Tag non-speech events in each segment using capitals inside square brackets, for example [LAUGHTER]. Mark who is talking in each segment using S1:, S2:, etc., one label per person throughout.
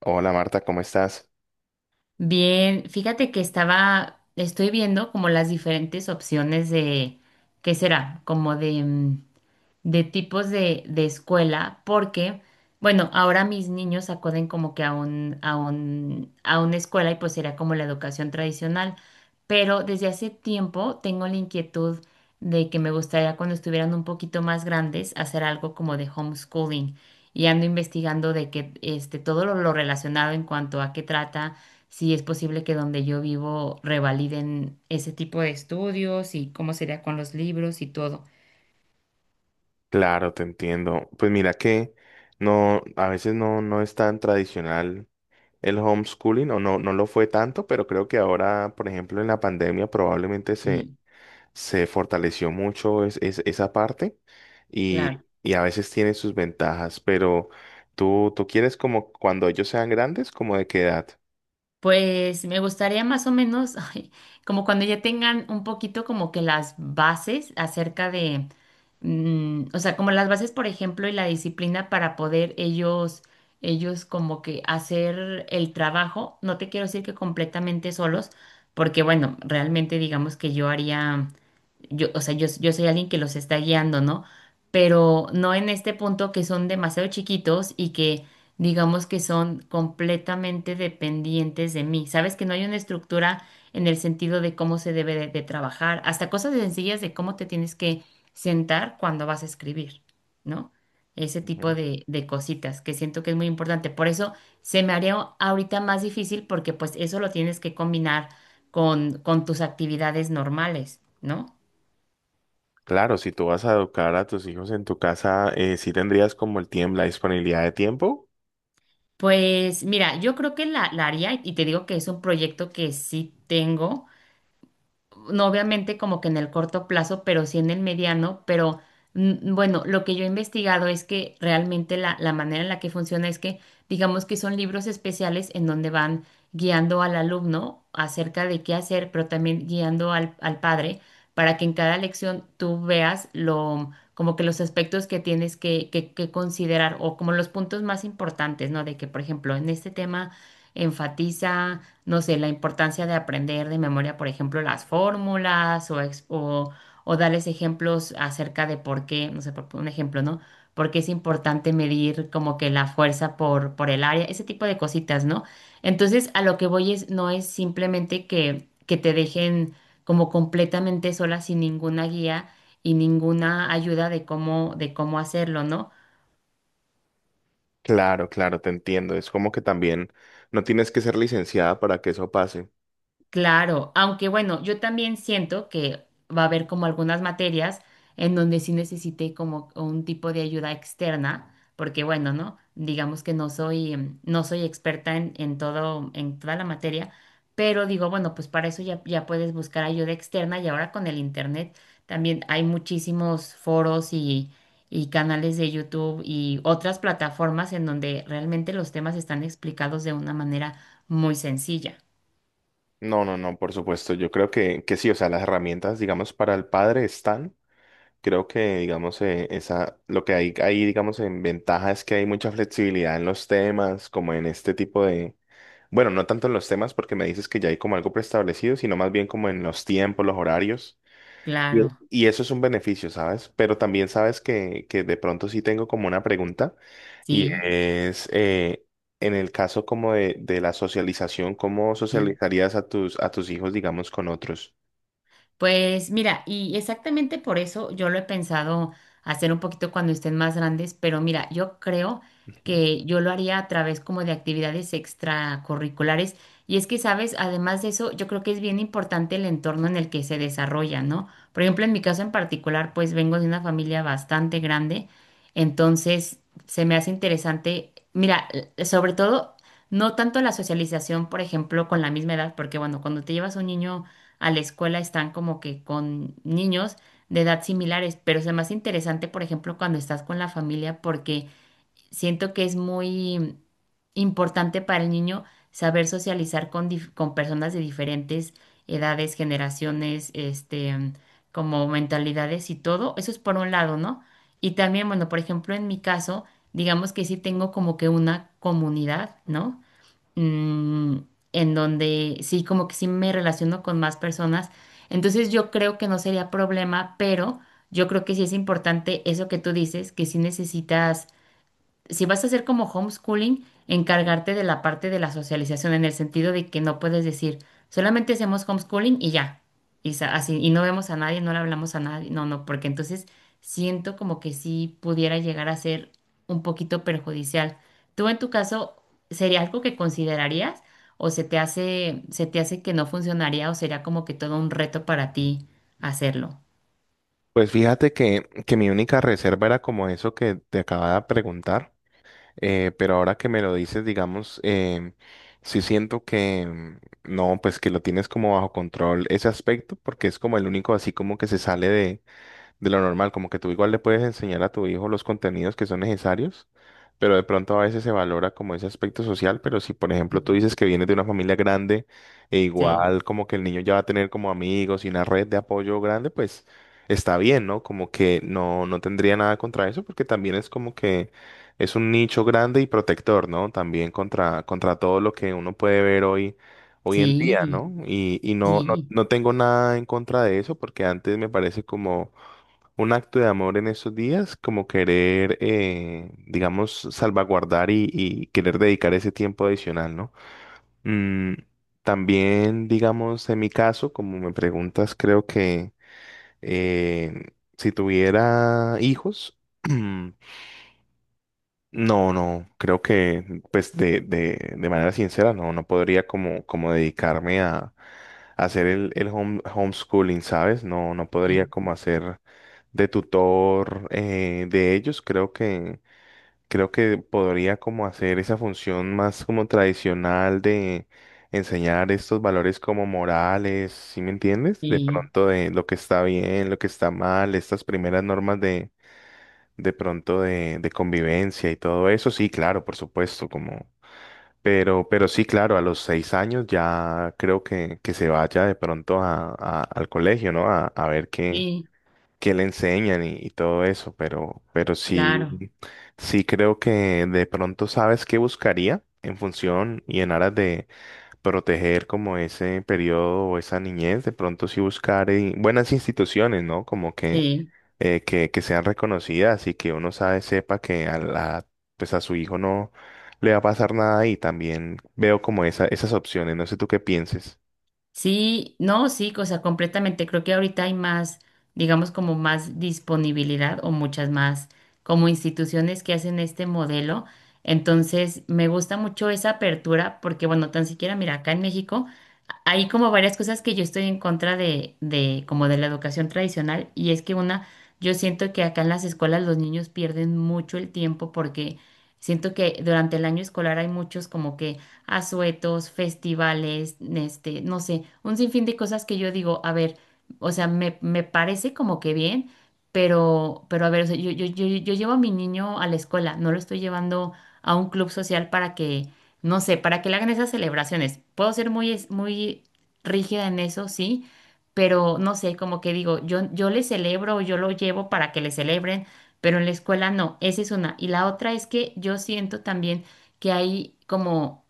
S1: Hola Marta, ¿cómo estás?
S2: Bien, fíjate que estoy viendo como las diferentes opciones de, ¿qué será? Como de tipos de escuela, porque, bueno, ahora mis niños acuden como que a una escuela y pues será como la educación tradicional, pero desde hace tiempo tengo la inquietud de que me gustaría cuando estuvieran un poquito más grandes hacer algo como de homeschooling y ando investigando de que todo lo relacionado en cuanto a qué trata. Si es posible que donde yo vivo revaliden ese tipo de estudios y cómo sería con los libros y todo.
S1: Claro, te entiendo. Pues mira que no, a veces no, no es tan tradicional el homeschooling, o no, no lo fue tanto, pero creo que ahora, por ejemplo, en la pandemia probablemente
S2: Y
S1: se, se fortaleció mucho esa parte
S2: claro.
S1: y a veces tiene sus ventajas, pero tú quieres como cuando ellos sean grandes, ¿como de qué edad?
S2: Pues me gustaría más o menos, [LAUGHS] ay, como cuando ya tengan un poquito como que las bases acerca de, o sea, como las bases, por ejemplo, y la disciplina para poder ellos como que hacer el trabajo. No te quiero decir que completamente solos, porque bueno, realmente digamos que yo, o sea, yo soy alguien que los está guiando, ¿no? Pero no en este punto que son demasiado chiquitos y que digamos que son completamente dependientes de mí. Sabes que no hay una estructura en el sentido de cómo se debe de trabajar, hasta cosas sencillas de cómo te tienes que sentar cuando vas a escribir, ¿no? Ese tipo
S1: Ujú.
S2: de cositas que siento que es muy importante. Por eso se me haría ahorita más difícil porque pues eso lo tienes que combinar con tus actividades normales, ¿no?
S1: Claro, si tú vas a educar a tus hijos en tu casa, sí tendrías como el tiempo, la disponibilidad de tiempo.
S2: Pues mira, yo creo que la haría y te digo que es un proyecto que sí tengo no obviamente como que en el corto plazo, pero sí en el mediano, pero bueno, lo que yo he investigado es que realmente la manera en la que funciona es que digamos que son libros especiales en donde van guiando al alumno acerca de qué hacer, pero también guiando al padre para que en cada lección tú veas lo, como que los aspectos que tienes que, que considerar o como los puntos más importantes, ¿no? De que, por ejemplo, en este tema enfatiza no sé, la importancia de aprender de memoria, por ejemplo, las fórmulas o darles ejemplos acerca de por qué, no sé, por un ejemplo, ¿no? Por qué es importante medir como que la fuerza por el área, ese tipo de cositas, ¿no? Entonces, a lo que voy es, no es simplemente que te dejen como completamente sola sin ninguna guía y ninguna ayuda de cómo hacerlo, ¿no?
S1: Claro, claro, te entiendo. Es como que también no tienes que ser licenciada para que eso pase.
S2: Claro, aunque bueno, yo también siento que va a haber como algunas materias en donde sí necesité como un tipo de ayuda externa, porque bueno, ¿no? Digamos que no soy experta en todo, en toda la materia, pero digo, bueno, pues para eso ya puedes buscar ayuda externa y ahora con el internet también hay muchísimos foros y canales de YouTube y otras plataformas en donde realmente los temas están explicados de una manera muy sencilla.
S1: No, no, no, por supuesto. Yo creo que sí, o sea, las herramientas, digamos, para el padre están. Creo que, digamos, esa, lo que hay ahí, digamos, en ventaja es que hay mucha flexibilidad en los temas, como en este tipo de, bueno, no tanto en los temas porque me dices que ya hay como algo preestablecido, sino más bien como en los tiempos, los horarios. Y
S2: Claro.
S1: y eso es un beneficio, ¿sabes? Pero también sabes que de pronto sí tengo como una pregunta y
S2: Sí,
S1: es en el caso como de la socialización, ¿cómo
S2: sí.
S1: socializarías a tus hijos, digamos, con otros?
S2: Pues mira, y exactamente por eso yo lo he pensado hacer un poquito cuando estén más grandes, pero mira, yo creo que yo lo haría a través como de actividades extracurriculares. Y es que, sabes, además de eso, yo creo que es bien importante el entorno en el que se desarrolla, ¿no? Por ejemplo, en mi caso en particular, pues vengo de una familia bastante grande, entonces se me hace interesante, mira, sobre todo, no tanto la socialización, por ejemplo, con la misma edad, porque bueno, cuando te llevas a un niño a la escuela están como que con niños de edad similares, pero es más interesante, por ejemplo, cuando estás con la familia, porque siento que es muy importante para el niño saber socializar con personas de diferentes edades, generaciones, como mentalidades y todo. Eso es por un lado, ¿no? Y también, bueno, por ejemplo, en mi caso, digamos que sí tengo como que una comunidad, ¿no? mm, en donde sí, como que sí me relaciono con más personas. Entonces yo creo que no sería problema, pero yo creo que sí es importante eso que tú dices, que sí necesitas si vas a hacer como homeschooling, encargarte de la parte de la socialización, en el sentido de que no puedes decir, solamente hacemos homeschooling y ya. Y así, y no vemos a nadie, no le hablamos a nadie. No, no, porque entonces siento como que sí pudiera llegar a ser un poquito perjudicial. ¿Tú en tu caso sería algo que considerarías o se te hace, que no funcionaría o sería como que todo un reto para ti hacerlo?
S1: Pues fíjate que mi única reserva era como eso que te acababa de preguntar, pero ahora que me lo dices, digamos, sí siento que no, pues que lo tienes como bajo control ese aspecto, porque es como el único así como que se sale de lo normal, como que tú igual le puedes enseñar a tu hijo los contenidos que son necesarios, pero de pronto a veces se valora como ese aspecto social, pero si por ejemplo tú
S2: Mm.
S1: dices que vienes de una familia grande e
S2: Sí,
S1: igual como que el niño ya va a tener como amigos y una red de apoyo grande, pues está bien, ¿no? Como que no, no tendría nada contra eso, porque también es como que es un nicho grande y protector, ¿no? También contra, contra todo lo que uno puede ver hoy en día,
S2: sí,
S1: ¿no? Y no, no,
S2: sí,
S1: no tengo nada en contra de eso porque antes me parece como un acto de amor en esos días, como querer, digamos, salvaguardar y querer dedicar ese tiempo adicional, ¿no? Mm, también, digamos, en mi caso, como me preguntas, creo que si tuviera hijos, [CLEARS THROAT] no, no, creo que, pues, de manera sincera, no, no podría como, como dedicarme a hacer el homeschooling, ¿sabes? No, no podría
S2: sí,
S1: como hacer de tutor de ellos, creo que podría como hacer esa función más como tradicional de enseñar estos valores como morales, ¿sí me entiendes? De
S2: sí.
S1: pronto de lo que está bien, lo que está mal, estas primeras normas de pronto de convivencia y todo eso, sí, claro, por supuesto, como. Pero sí, claro, a los 6 años ya creo que se vaya de pronto a, al colegio, ¿no? A ver qué,
S2: Sí.
S1: que le enseñan y todo eso, pero
S2: Claro,
S1: sí, sí creo que de pronto sabes qué buscaría en función y en aras de proteger como ese periodo o esa niñez, de pronto sí buscar buenas instituciones, ¿no? Como
S2: sí,
S1: que sean reconocidas y que uno sabe, sepa que a la, pues a su hijo no le va a pasar nada y también veo como esa, esas opciones, no sé tú qué pienses.
S2: sí, no, sí, o sea, completamente. Creo que ahorita hay más, digamos, como más disponibilidad o muchas más como instituciones que hacen este modelo. Entonces, me gusta mucho esa apertura porque, bueno, tan siquiera, mira, acá en México hay como varias cosas que yo estoy en contra de, como de la educación tradicional y es que una, yo siento que acá en las escuelas los niños pierden mucho el tiempo porque siento que durante el año escolar hay muchos como que asuetos, festivales, no sé, un sinfín de cosas que yo digo, a ver, o sea, me parece como que bien, pero a ver, o sea, yo llevo a mi niño a la escuela, no lo estoy llevando a un club social para que, no sé, para que le hagan esas celebraciones. Puedo ser muy rígida en eso, sí, pero no sé, como que digo, yo le celebro, yo lo llevo para que le celebren, pero en la escuela no, esa es una. Y la otra es que yo siento también que hay como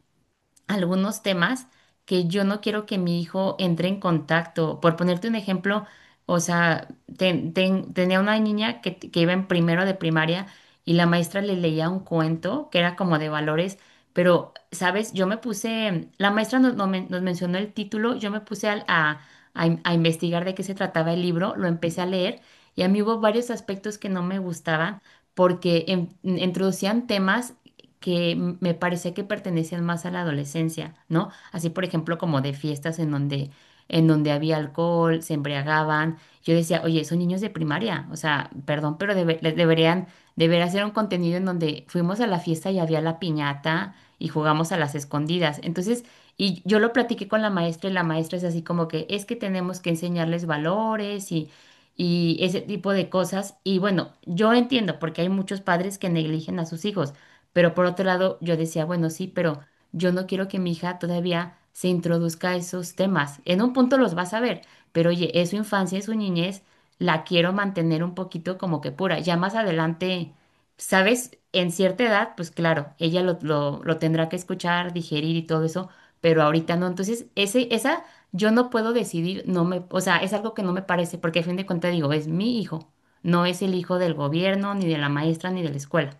S2: algunos temas que yo no quiero que mi hijo entre en contacto. Por ponerte un ejemplo, o sea, tenía una niña que iba en primero de primaria y la maestra le leía un cuento que era como de valores, pero, ¿sabes? Yo me puse, la maestra nos mencionó el título, yo me puse a investigar de qué se trataba el libro, lo empecé a leer y a mí hubo varios aspectos que no me gustaban porque introducían temas que me parece que pertenecían más a la adolescencia, ¿no? Así, por ejemplo, como de fiestas en donde había alcohol, se embriagaban. Yo decía, oye, son niños de primaria, o sea, perdón, pero les deberían, debería hacer un contenido en donde fuimos a la fiesta y había la piñata y jugamos a las escondidas. Entonces, y yo lo platiqué con la maestra y la maestra es así como que es que tenemos que enseñarles valores y ese tipo de cosas. Y bueno, yo entiendo porque hay muchos padres que negligen a sus hijos, pero por otro lado, yo decía, bueno, sí, pero yo no quiero que mi hija todavía se introduzca a esos temas. En un punto los vas a ver, pero oye, es su infancia, es su niñez, la quiero mantener un poquito como que pura. Ya más adelante, ¿sabes? En cierta edad, pues claro, ella lo tendrá que escuchar, digerir y todo eso, pero ahorita no. Entonces, yo no puedo decidir, no me, o sea, es algo que no me parece, porque a fin de cuentas digo, es mi hijo, no es el hijo del gobierno, ni de la maestra, ni de la escuela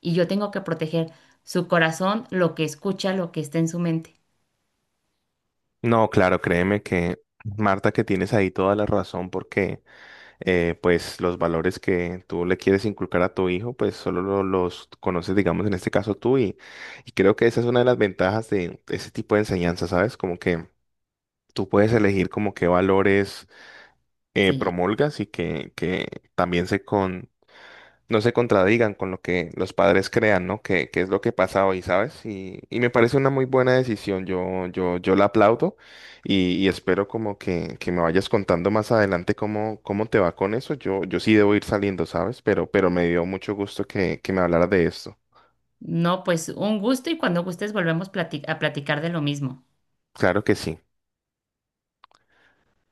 S2: y yo tengo que proteger su corazón, lo que escucha, lo que está en su mente.
S1: No, claro, créeme que Marta, que tienes ahí toda la razón porque pues los valores que tú le quieres inculcar a tu hijo, pues solo los conoces, digamos, en este caso tú y creo que esa es una de las ventajas de ese tipo de enseñanza, ¿sabes? Como que tú puedes elegir como qué valores
S2: Sí.
S1: promulgas y que también se, no se contradigan con lo que los padres crean, ¿no? Que es lo que pasa hoy, ¿sabes? Y me parece una muy buena decisión, yo la aplaudo y espero como que me vayas contando más adelante cómo, cómo te va con eso. Yo sí debo ir saliendo, ¿sabes? Pero me dio mucho gusto que me hablaras de esto.
S2: No, pues un gusto y cuando gustes volvemos a platicar de lo mismo.
S1: Claro que sí.